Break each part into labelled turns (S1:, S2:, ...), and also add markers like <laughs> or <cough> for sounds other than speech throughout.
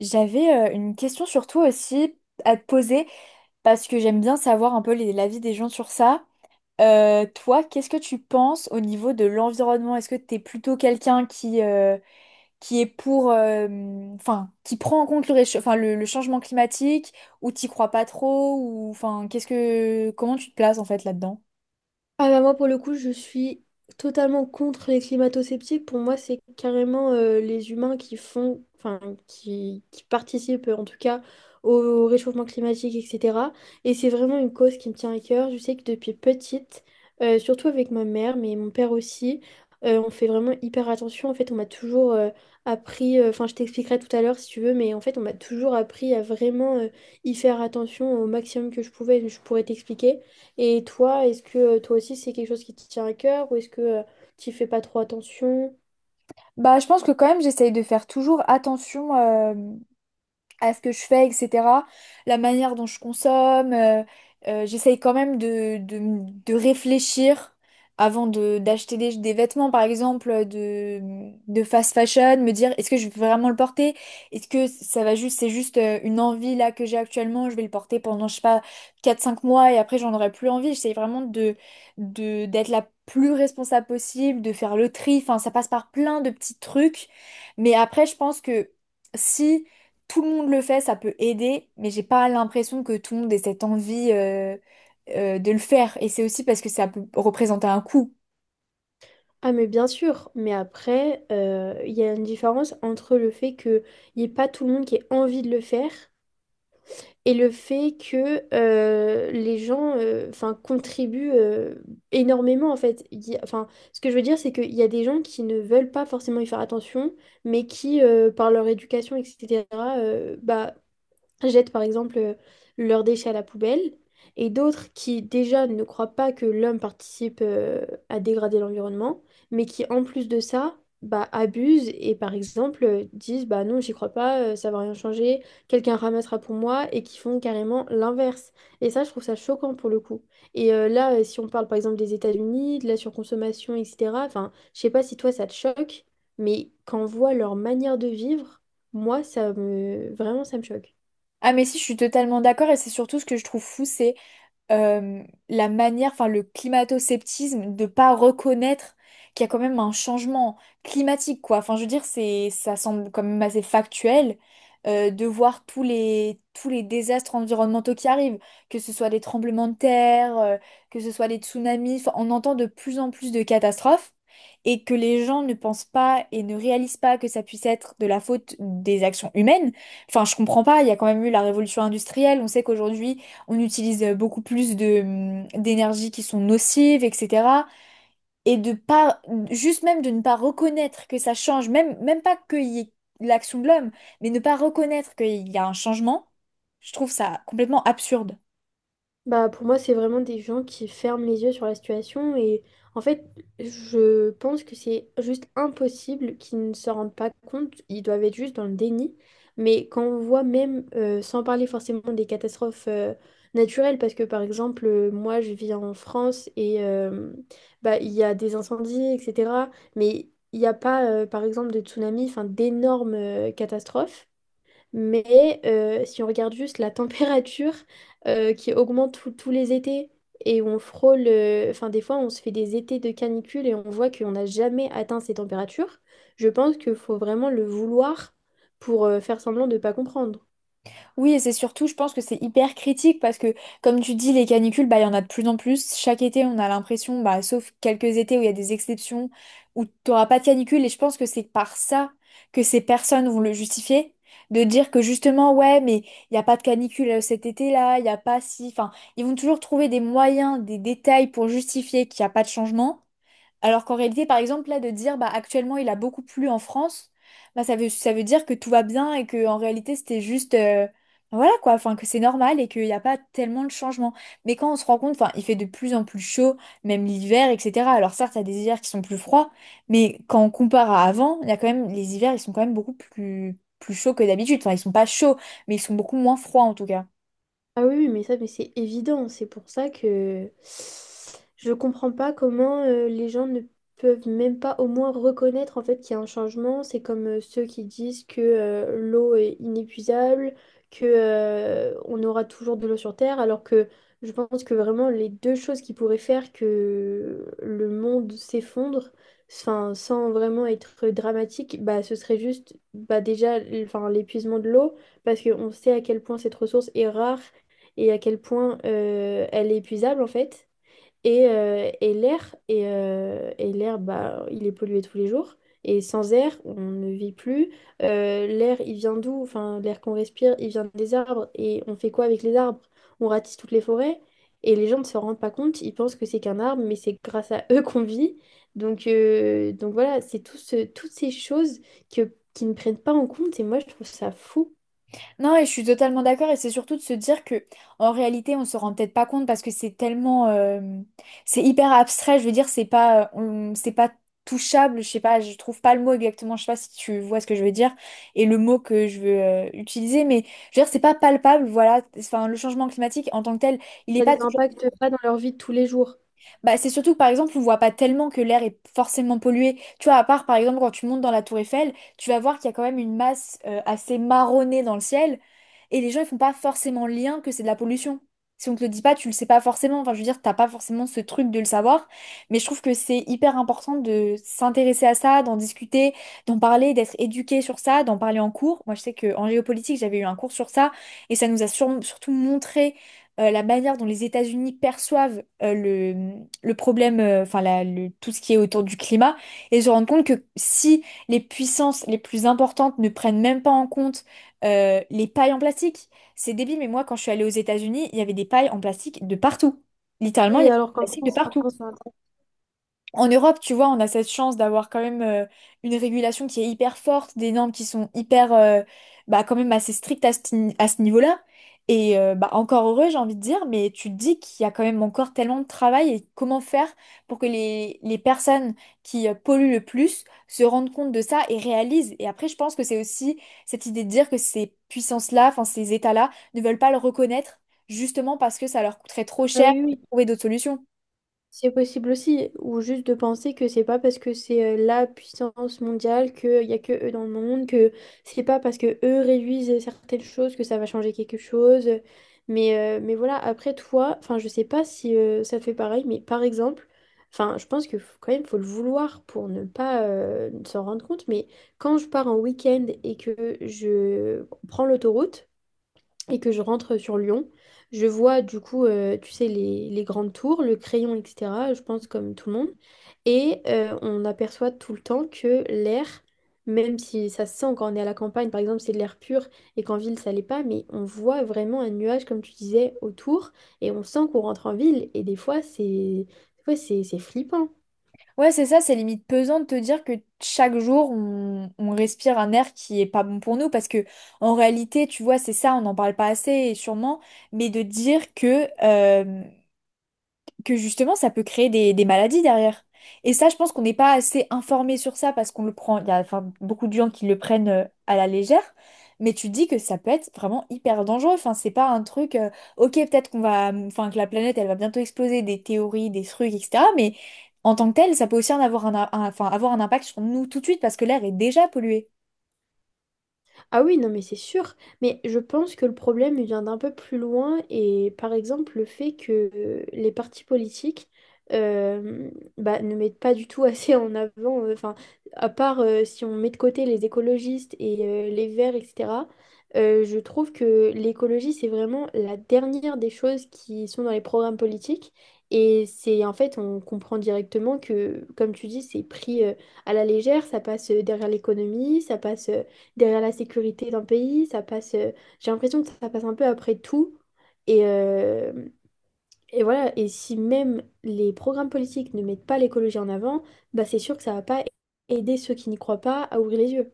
S1: J'avais une question sur toi aussi à te poser parce que j'aime bien savoir un peu l'avis des gens sur ça. Toi, qu'est-ce que tu penses au niveau de l'environnement? Est-ce que tu es plutôt quelqu'un qui est pour, enfin, qui prend en compte le, enfin, le changement climatique ou t'y crois pas trop ou enfin, comment tu te places en fait là-dedans?
S2: Ah bah moi pour le coup je suis totalement contre les climato-sceptiques. Pour moi c'est carrément les humains qui font, enfin qui participent en tout cas au réchauffement climatique, etc. Et c'est vraiment une cause qui me tient à cœur. Je sais que depuis petite, surtout avec ma mère, mais mon père aussi, on fait vraiment hyper attention. En fait on m'a toujours appris, enfin je t'expliquerai tout à l'heure si tu veux, mais en fait on m'a toujours appris à vraiment y faire attention au maximum que je pouvais. Je pourrais t'expliquer. Et toi, est-ce que toi aussi c'est quelque chose qui te tient à cœur ou est-ce que tu fais pas trop attention?
S1: Bah, je pense que quand même j'essaye de faire toujours attention à ce que je fais, etc. La manière dont je consomme. J'essaye quand même de réfléchir avant d'acheter des vêtements, par exemple, de fast fashion, me dire est-ce que je vais vraiment le porter? Est-ce que c'est juste une envie là que j'ai actuellement, je vais le porter pendant, je sais pas, quatre cinq mois et après j'en aurai plus envie. J'essaye vraiment d'être la plus responsable possible, de faire le tri. Enfin, ça passe par plein de petits trucs. Mais après, je pense que si tout le monde le fait, ça peut aider, mais j'ai pas l'impression que tout le monde ait cette envie de le faire. Et c'est aussi parce que ça peut représenter un coût.
S2: Ah mais bien sûr, mais après, il y a une différence entre le fait qu'il n'y ait pas tout le monde qui ait envie de le faire et le fait que les gens enfin, contribuent énormément en fait. Il y a- Enfin, ce que je veux dire, c'est qu'il y a des gens qui ne veulent pas forcément y faire attention, mais qui, par leur éducation, etc., bah, jettent par exemple leurs déchets à la poubelle, et d'autres qui déjà ne croient pas que l'homme participe à dégrader l'environnement, mais qui en plus de ça, bah, abusent et par exemple disent bah non, j'y crois pas, ça va rien changer, quelqu'un ramassera pour moi, et qui font carrément l'inverse. Et ça, je trouve ça choquant pour le coup. Et là, si on parle par exemple des États-Unis, de la surconsommation, etc., enfin, je sais pas si toi ça te choque, mais quand on voit leur manière de vivre, moi, ça me... Vraiment, ça me choque.
S1: Ah mais si, je suis totalement d'accord et c'est surtout ce que je trouve fou, c'est euh, la manière, enfin le climato-sceptisme de pas reconnaître qu'il y a quand même un changement climatique, quoi. Enfin, je veux dire, ça semble quand même assez factuel de voir tous les désastres environnementaux qui arrivent, que ce soit des tremblements de terre, que ce soit des tsunamis. Enfin, on entend de plus en plus de catastrophes. Et que les gens ne pensent pas et ne réalisent pas que ça puisse être de la faute des actions humaines. Enfin, je comprends pas, il y a quand même eu la révolution industrielle. On sait qu'aujourd'hui, on utilise beaucoup plus de d'énergies qui sont nocives, etc. Et de pas, juste même de ne pas reconnaître que ça change, même, même pas qu'il y ait l'action de l'homme, mais ne pas reconnaître qu'il y a un changement, je trouve ça complètement absurde.
S2: Bah, pour moi, c'est vraiment des gens qui ferment les yeux sur la situation et en fait, je pense que c'est juste impossible qu'ils ne se rendent pas compte. Ils doivent être juste dans le déni. Mais quand on voit même, sans parler forcément des catastrophes naturelles, parce que par exemple, moi, je vis en France et bah, il y a des incendies, etc. Mais il n'y a pas, par exemple, de tsunami, enfin, d'énormes catastrophes. Mais si on regarde juste la température <laughs> qui augmente tous les étés et on frôle, enfin des fois on se fait des étés de canicule et on voit qu'on n'a jamais atteint ces températures, je pense qu'il faut vraiment le vouloir pour faire semblant de ne pas comprendre.
S1: Oui, et c'est surtout, je pense que c'est hyper critique parce que, comme tu dis, les canicules, bah, il y en a de plus en plus. Chaque été, on a l'impression, bah, sauf quelques étés où il y a des exceptions, où tu n'auras pas de canicule. Et je pense que c'est par ça que ces personnes vont le justifier, de dire que justement, ouais, mais il n'y a pas de canicule cet été-là, il n'y a pas si... Enfin, ils vont toujours trouver des moyens, des détails pour justifier qu'il n'y a pas de changement. Alors qu'en réalité, par exemple, là, de dire, bah, actuellement, il a beaucoup plu en France, ça veut dire que tout va bien et que, en réalité, c'était juste, bah, voilà, quoi, enfin, que c'est normal et qu'il n'y a pas tellement de changement. Mais quand on se rend compte, enfin, il fait de plus en plus chaud, même l'hiver, etc. Alors certes, il y a des hivers qui sont plus froids, mais quand on compare à avant, il y a quand même, les hivers, ils sont quand même plus chauds que d'habitude. Enfin, ils sont pas chauds, mais ils sont beaucoup moins froids, en tout cas.
S2: Ah oui, oui, mais ça, mais c'est évident. C'est pour ça que je comprends pas comment les gens ne peuvent même pas au moins reconnaître en fait qu'il y a un changement. C'est comme ceux qui disent que l'eau est inépuisable, que on aura toujours de l'eau sur Terre, alors que je pense que vraiment les deux choses qui pourraient faire que le monde s'effondre, enfin, sans vraiment être dramatique, bah, ce serait juste bah, déjà enfin, l'épuisement de l'eau parce qu'on sait à quel point cette ressource est rare et à quel point elle est épuisable en fait. Et l'air, bah, il est pollué tous les jours. Et sans air, on ne vit plus. L'air, il vient d'où? Enfin, l'air qu'on respire, il vient des arbres. Et on fait quoi avec les arbres? On ratisse toutes les forêts. Et les gens ne se rendent pas compte. Ils pensent que c'est qu'un arbre, mais c'est grâce à <laughs> eux qu'on vit. Donc voilà, c'est tout toutes ces choses que, qui ne prennent pas en compte. Et moi, je trouve ça fou.
S1: Non, et je suis totalement d'accord, et c'est surtout de se dire que, en réalité, on se rend peut-être pas compte parce que c'est tellement, c'est hyper abstrait. Je veux dire, c'est pas touchable. Je sais pas, je trouve pas le mot exactement. Je sais pas si tu vois ce que je veux dire et le mot que je veux utiliser, mais je veux dire, c'est pas palpable. Voilà, enfin, le changement climatique en tant que tel, il est
S2: Ça
S1: pas
S2: les
S1: toujours
S2: impacte pas dans leur vie de tous les jours.
S1: bah, c'est surtout que par exemple, on voit pas tellement que l'air est forcément pollué. Tu vois, à part par exemple quand tu montes dans la tour Eiffel, tu vas voir qu'il y a quand même une masse assez marronnée dans le ciel et les gens ils font pas forcément le lien que c'est de la pollution. Si on te le dit pas, tu le sais pas forcément. Enfin, je veux dire, t'as pas forcément ce truc de le savoir. Mais je trouve que c'est hyper important de s'intéresser à ça, d'en discuter, d'en parler, d'être éduqué sur ça, d'en parler en cours. Moi, je sais que en géopolitique, j'avais eu un cours sur ça et ça nous a surtout montré la manière dont les États-Unis perçoivent le problème, tout ce qui est autour du climat, et se rendre compte que si les puissances les plus importantes ne prennent même pas en compte les pailles en plastique, c'est débile, mais moi quand je suis allée aux États-Unis, il y avait des pailles en plastique de partout. Littéralement, il
S2: Oui,
S1: y avait
S2: alors
S1: des
S2: qu'en
S1: plastiques de
S2: France, maintenant,
S1: partout.
S2: c'est un
S1: En Europe, tu vois, on a cette chance d'avoir quand même une régulation qui est hyper forte, des normes qui sont hyper, bah, quand même assez strictes à ce, ni- à ce niveau-là. Et bah, encore heureux, j'ai envie de dire, mais tu te dis qu'il y a quand même encore tellement de travail et comment faire pour que les personnes qui polluent le plus se rendent compte de ça et réalisent. Et après, je pense que c'est aussi cette idée de dire que ces puissances-là, enfin ces États-là, ne veulent pas le reconnaître justement parce que ça leur coûterait trop
S2: Ah
S1: cher
S2: oui,
S1: de
S2: oui,
S1: trouver d'autres solutions.
S2: c'est possible aussi. Ou juste de penser que c'est pas parce que c'est la puissance mondiale qu'il y a que eux dans le monde, que c'est pas parce que eux réduisent certaines choses que ça va changer quelque chose. Mais voilà, après, toi, enfin, je sais pas si ça te fait pareil, mais par exemple, enfin, je pense que quand même, faut le vouloir pour ne pas s'en rendre compte. Mais quand je pars en week-end et que je prends l'autoroute, et que je rentre sur Lyon, je vois du coup, tu sais, les grandes tours, le crayon, etc., je pense comme tout le monde. Et on aperçoit tout le temps que l'air, même si ça se sent quand on est à la campagne, par exemple, c'est de l'air pur et qu'en ville, ça l'est pas, mais on voit vraiment un nuage, comme tu disais, autour et on sent qu'on rentre en ville et des fois, c'est flippant.
S1: Ouais, c'est ça, c'est limite pesant de te dire que chaque jour, on respire un air qui est pas bon pour nous, parce que en réalité, tu vois, c'est ça, on n'en parle pas assez, et sûrement, mais de dire que justement ça peut créer des maladies derrière. Et ça, je pense qu'on n'est pas assez informé sur ça parce qu'on le prend, il y a enfin, beaucoup de gens qui le prennent à la légère, mais tu dis que ça peut être vraiment hyper dangereux. Enfin, c'est pas un truc, ok, peut-être qu'on va, enfin, que la planète elle va bientôt exploser, des théories, des trucs, etc. Mais en tant que tel, ça peut aussi en avoir enfin, avoir un impact sur nous tout de suite parce que l'air est déjà pollué.
S2: Ah oui, non, mais c'est sûr. Mais je pense que le problème il vient d'un peu plus loin et par exemple le fait que les partis politiques euh, bah, ne mettent pas du tout assez en avant, enfin, à part si on met de côté les écologistes et les verts, etc., je trouve que l'écologie, c'est vraiment la dernière des choses qui sont dans les programmes politiques. Et c'est en fait, on comprend directement que, comme tu dis, c'est pris à la légère, ça passe derrière l'économie, ça passe. Derrière la sécurité d'un pays, ça passe, j'ai l'impression que ça passe un peu après tout. Et, euh, et voilà, et si même les programmes politiques ne mettent pas l'écologie en avant, bah c'est sûr que ça va pas aider ceux qui n'y croient pas à ouvrir les yeux.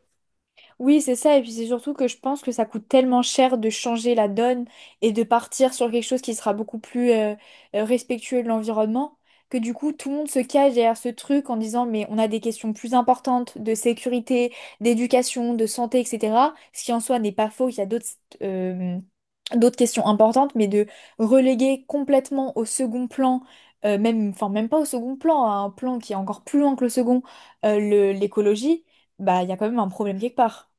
S1: Oui, c'est ça. Et puis c'est surtout que je pense que ça coûte tellement cher de changer la donne et de partir sur quelque chose qui sera beaucoup plus respectueux de l'environnement, que du coup tout le monde se cache derrière ce truc en disant mais on a des questions plus importantes de sécurité, d'éducation, de santé, etc. Ce qui en soi n'est pas faux, il y a d'autres euh, d'autres questions importantes, mais de reléguer complètement au second plan, même, enfin même pas au second plan, à un plan qui est encore plus loin que le second, l'écologie, bah il y a quand même un problème quelque part.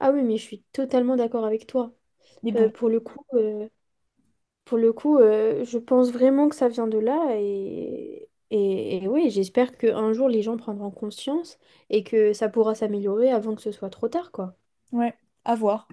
S2: Ah oui, mais je suis totalement d'accord avec toi.
S1: Mais bon,
S2: Pour le coup, je pense vraiment que ça vient de là et oui, j'espère qu'un jour les gens prendront conscience et que ça pourra s'améliorer avant que ce soit trop tard, quoi.
S1: ouais, à voir.